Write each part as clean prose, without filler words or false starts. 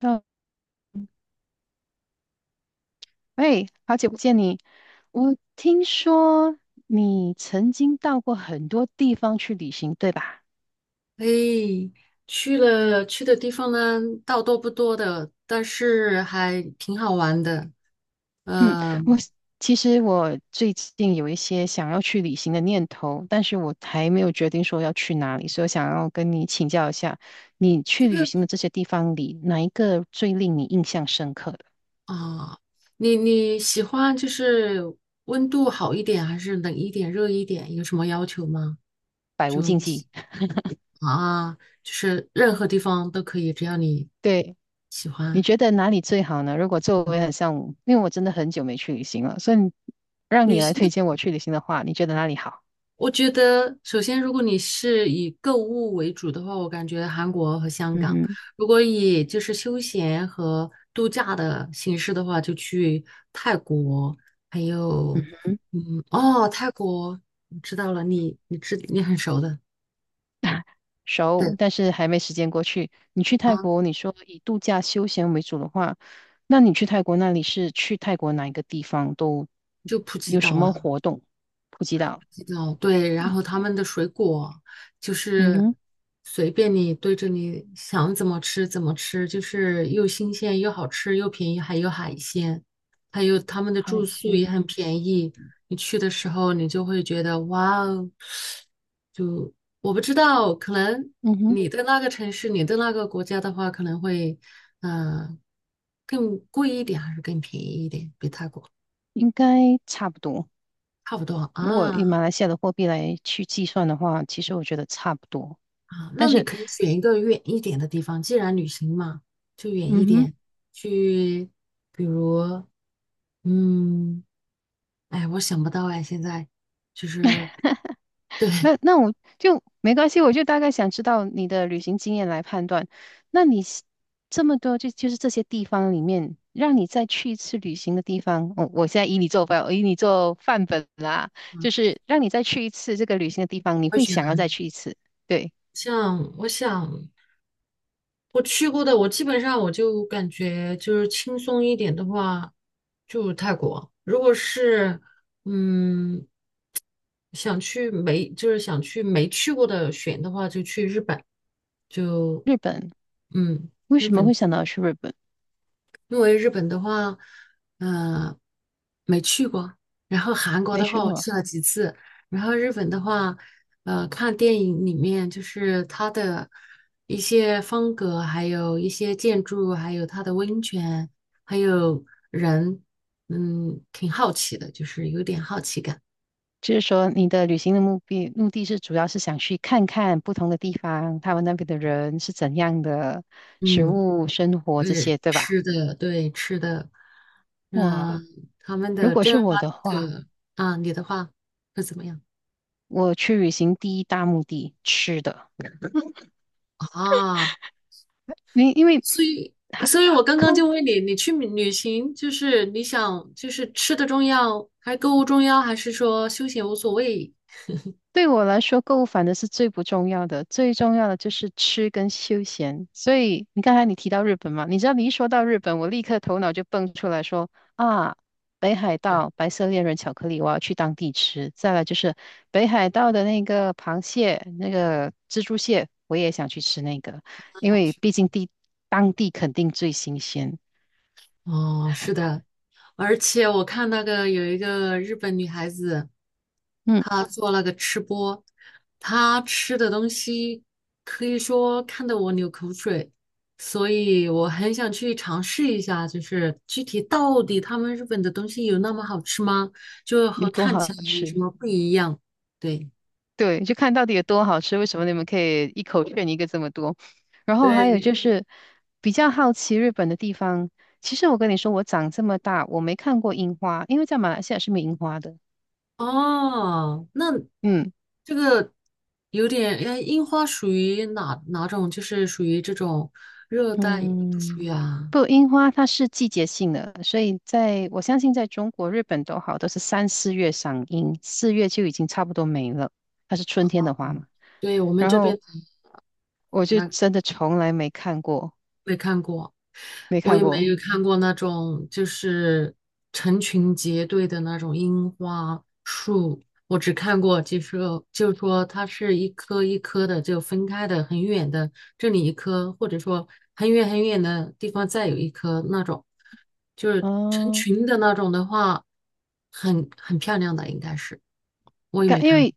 嗯，喂，好久不见你。我听说你曾经到过很多地方去旅行，对吧？哎，去了去的地方呢，倒多不多的，但是还挺好玩的。嗯，呃我其实我最近有一些想要去旅行的念头，但是我还没有决定说要去哪里，所以我想要跟你请教一下，你去旅行的这些地方里，哪一个最令你印象深刻的？啊，你喜欢温度好一点，还是冷一点、热一点？有什么要求吗？百无就禁你喜忌。啊，就是任何地方都可以，只要你对。喜你欢。觉得哪里最好呢？如果作为很像，因为我真的很久没去旅行了，所以你让旅你来行推的荐我去旅行的话，你觉得哪里好？我觉得，首先，如果你是以购物为主的话，我感觉韩国和香嗯港；哼，如果以就是休闲和度假的形式的话，就去泰国，还嗯，有，嗯，哦，泰国，我知道了，你很熟的，熟，对，但是还没时间过去。你去泰啊，国，你说以度假休闲为主的话，那你去泰国那里是去泰国哪一个地方都就普吉有什岛么啊。活动？普吉岛，哦，对，然后他们的水果就嗯是哼，随便你对着你想怎么吃怎么吃，就是又新鲜又好吃又便宜，还有海鲜，还有他们的住海宿鲜，也很便宜。你去的时候，你就会觉得哇哦，我不知道，可能嗯哼，你的那个城市、你的那个国家的话，可能会嗯、呃更贵一点，还是更便宜一点，比泰国应该差不多。差不多如果以啊。马来西亚的货币来去计算的话，其实我觉得差不多。啊，那但你是，可以选一个远一点的地方，既然旅行嘛，就远一嗯哼。点，去，比如，嗯，哎，我想不到哎，现在就是对，那我就没关系，我就大概想知道你的旅行经验来判断。那你是这么多就是这些地方里面，让你再去一次旅行的地方，我现在以你做范本啦，嗯，就是让你再去一次这个旅行的地方，你会会选想哪要里？再去一次。对，像我想我去过的，我基本上我就感觉就是轻松一点的话，就泰国。如果是嗯想去没就是想去没去过的选的话，就去日本，就日本，嗯。为日什么本会想到去日本？因为日本的话，嗯、没去过。然后韩国没的去话，我过，去了几次。然后日本的话，呃，看电影里面就是它的一些风格，还有一些建筑，还有它的温泉，还有人，嗯，挺好奇的，就是有点好奇感。就是说你的旅行的目的是主要是想去看看不同的地方，他们那边的人是怎样的，食嗯，物、生活这对，些，对吧？吃的，对，吃的，嗯、哇，他们如的果是正儿八我的经话，的啊，你的话会怎么样？我去旅行第一大目的吃的，啊，因为所以，还所以我刚刚购就问你，你去旅行，就是你想，就是吃的重要，还购物重要，还是说休闲无所谓？对我来说，购物反正是最不重要的，最重要的就是吃跟休闲。所以你刚才你提到日本嘛，你知道你一说到日本，我立刻头脑就蹦出来说啊，北海道白色恋人巧克力，我要去当地吃。再来就是北海道的那个螃蟹，那个蜘蛛蟹，我也想去吃那个，因为毕竟当地肯定最新鲜。哦，是的，而且我看那个有一个日本女孩子，嗯。她做那个吃播，她吃的东西可以说看得我流口水，所以我很想去尝试一下，就是具体到底他们日本的东西有那么好吃吗？就有和多看好起来有什吃？么不一样？对。对，就看到底有多好吃。为什么你们可以一口炫一个这么多？然后还有就对，是比较好奇日本的地方。其实我跟你说，我长这么大，我没看过樱花，因为在马来西亚是没樱花的。哦，那嗯这个有点，哎，樱花属于哪种？就是属于这种热带，不属嗯，于啊？不，樱花它是季节性的，所以在我相信在中国、日本都好，都是3、4月赏樱，四月就已经差不多没了，它是春天的花嘛。对，我们然这边后的我就那真的从来没看过，没看过。没我看也没过。有看过那种就是成群结队的那种樱花树，我只看过就是就是说它是一棵一棵的就分开的很远的，这里一棵，或者说很远很远的地方再有一棵那种，就是成哦，群的那种的话，很很漂亮的应该是，我也没因看过为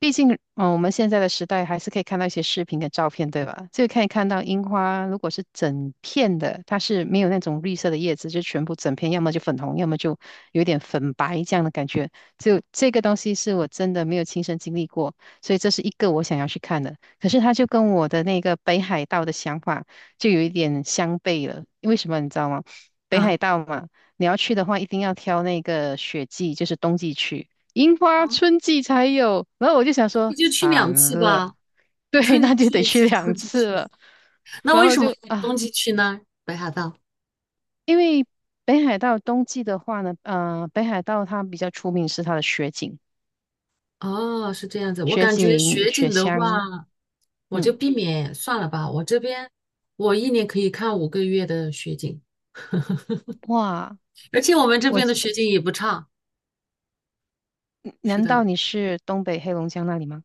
毕竟，我们现在的时代还是可以看到一些视频跟照片，对吧？就可以看到樱花，如果是整片的，它是没有那种绿色的叶子，就全部整片，要么就粉红，要么就有点粉白这样的感觉。就这个东西是我真的没有亲身经历过，所以这是一个我想要去看的。可是它就跟我的那个北海道的想法就有一点相悖了，为什么你知道吗？北啊海道嘛，你要去的话，一定要挑那个雪季，就是冬季去。樱花啊，春季才有。然后我就想你说，就去惨2次了，吧，对，春季那就去得一去次，两冬季次去一次。了。那然为后什么就冬啊，季去呢？北海道。因为北海道冬季的话呢，北海道它比较出名是它的雪景、哦，是这样子。我雪感觉景、雪雪景的乡。话，我就嗯，避免算了吧。我这边我一年可以看5个月的雪景，哇，而且我们这我，边的雪景也不差。是难的，道你是东北黑龙江那里吗？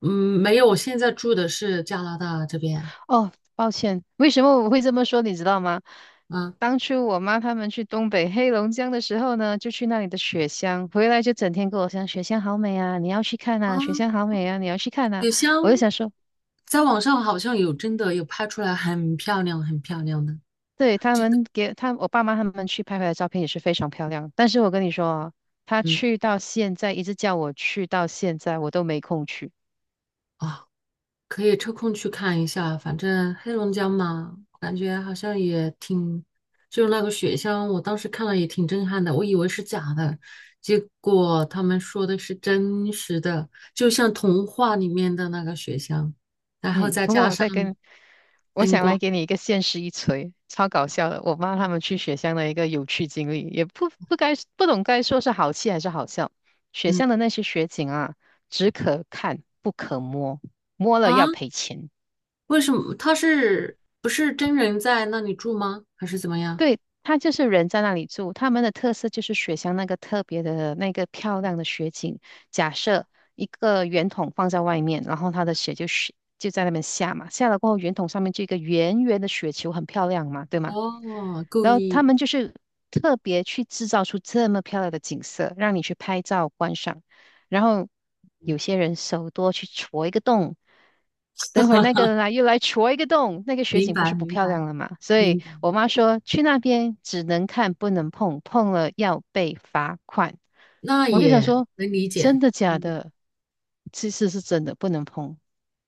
嗯，没有，我现在住的是加拿大这边。哦，抱歉，为什么我会这么说，你知道吗？啊当初我妈他们去东北黑龙江的时候呢，就去那里的雪乡，回来就整天跟我讲雪乡好美啊，你要去看啊，呐！”“雪乡好美啊，你要去看呐！”有我就香，想说，在网上好像有真的有拍出来，很漂亮，很漂亮的，对，他真的。们给他我爸妈他们去拍回来的照片也是非常漂亮，但是我跟你说啊，他嗯，去到现在一直叫我去到现在，我都没空去。啊、可以抽空去看一下，反正黑龙江嘛，感觉好像也挺，就是那个雪乡，我当时看了也挺震撼的，我以为是假的，结果他们说的是真实的，就像童话里面的那个雪乡，然后嗯，再不过加我上再跟，我灯想来光，给你一个现实一锤，超搞笑的。我妈他们去雪乡的一个有趣经历，也不懂该说是好气还是好笑。雪嗯乡的那些雪景啊，只可看不可摸，摸了啊，要赔钱。为什么他是不是真人在那里住吗？还是怎么样？对，它就是人在那里住，他们的特色就是雪乡那个特别的那个漂亮的雪景。假设一个圆筒放在外面，然后它的雪就在那边下嘛，下了过后圆筒上面就一个圆圆的雪球，很漂亮嘛，对吗？哦，故然后他意，们就是特别去制造出这么漂亮的景色，让你去拍照观赏。然后有些人手多去戳一个洞，等会儿那个人又来戳一个洞，那个雪明景不白是不明漂白亮了吗？所以明白，我妈说去那边只能看不能碰，碰了要被罚款。那我就想也说，能理真解。的假能理的？其实是真的，不能碰。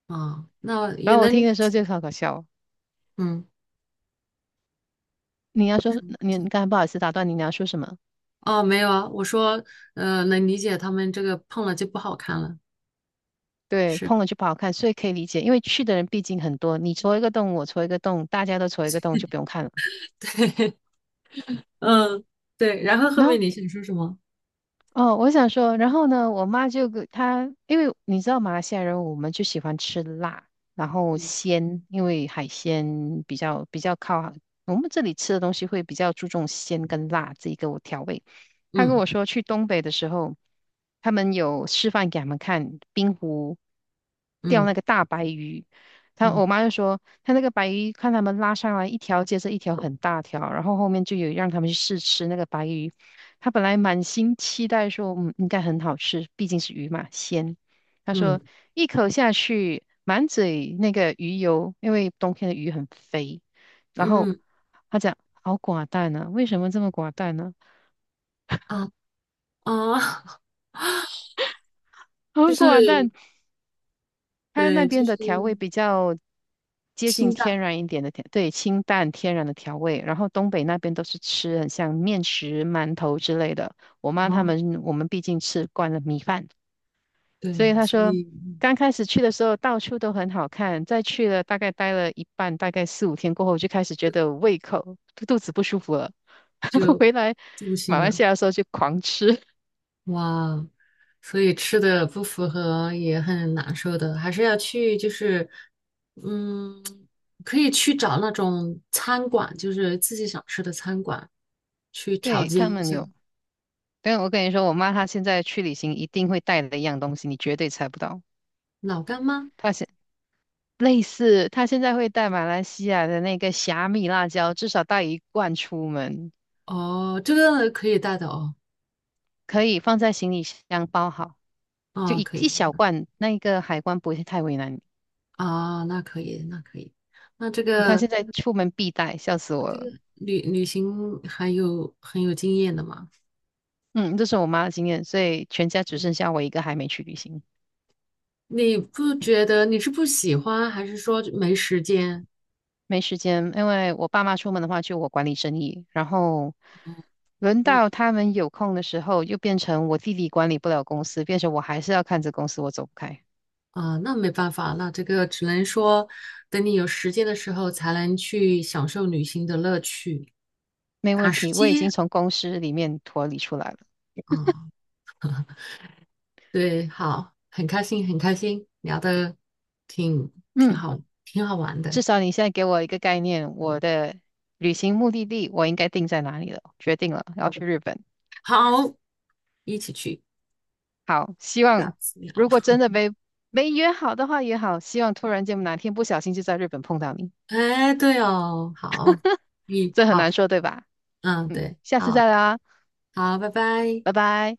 啊，那然也后我能理听的时候解，就好搞笑哦。嗯，你要说，你刚才不好意思打断你，你要说什么？哦，没有啊，我说，能理解他们这个胖了就不好看了，对，是，碰了就不好看，所以可以理解，因为去的人毕竟很多，你戳一个洞，我戳一个洞，大家都戳一个洞，就不用看了。对，嗯，对，然后后然面后你想说什么？哦，我想说，然后呢，我妈就给她，因为你知道马来西亚人，我们就喜欢吃辣，然后嗯因为海鲜比较靠，我们这里吃的东西会比较注重鲜跟辣这一个调味。她跟嗯我说，去东北的时候，他们有示范给他们看冰湖钓那嗯个大白鱼，我妈就说，她那个白鱼看他们拉上来一条接着一条很大条，然后后面就有让他们去试吃那个白鱼。他本来满心期待说，应该很好吃，毕竟是鱼嘛，鲜。他嗯说一口下去，满嘴那个鱼油，因为冬天的鱼很肥。然后嗯他讲好寡淡啊，为什么这么寡淡呢、啊啊，好 就是寡淡，他那对，就边的是调味比较接近清淡天然一点的对，清淡天然的调味。然后东北那边都是吃很像面食、馒头之类的。啊，我们毕竟吃惯了米饭。所以对，他所说，以刚开始去的时候到处都很好看，再去了大概待了一半，大概4、5天过后，我就开始觉得胃口肚肚子不舒服了。回来就不行马来了。西亚的时候就狂吃。哇，所以吃的不符合也很难受的，还是要去就是，嗯，可以去找那种餐馆，就是自己想吃的餐馆去 调对，节他一们下。有，但我跟你说，我妈她现在去旅行一定会带的一样东西，你绝对猜不到。老干妈，她现类似，她现在会带马来西亚的那个虾米辣椒，至少带一罐出门，哦，这个可以带的哦，可以放在行李箱包好，就啊，一可一以小罐，那一个海关不会太为难你。啊，那可以，那可以，那这他个现在出门必带，笑死我了。旅行还有很有经验的嘛？嗯，这是我妈的经验，所以全家只剩下我一个还没去旅行，你不觉得你是不喜欢，还是说没时间？没时间。因为我爸妈出门的话，就我管理生意，然后轮那？到他们有空的时候，又变成我弟弟管理不了公司，变成我还是要看着公司，我走不开。啊，那没办法，那这个只能说等你有时间的时候才能去享受旅行的乐趣，没打问时题，我已经间从公司里面脱离出来了。啊，对，好，很开心，很开心，聊的挺挺嗯，好，挺好玩的，至少你现在给我一个概念，我的旅行目的地我应该定在哪里了，决定了，要去日本。好，一起去，好，希望下次聊。如果真 的没约好的话也好，希望突然间哪天不小心就在日本碰到你，哎，对哦，好，嗯，这很好，难说，对吧？嗯，对，下次好，再聊啊，好，拜拜。拜拜。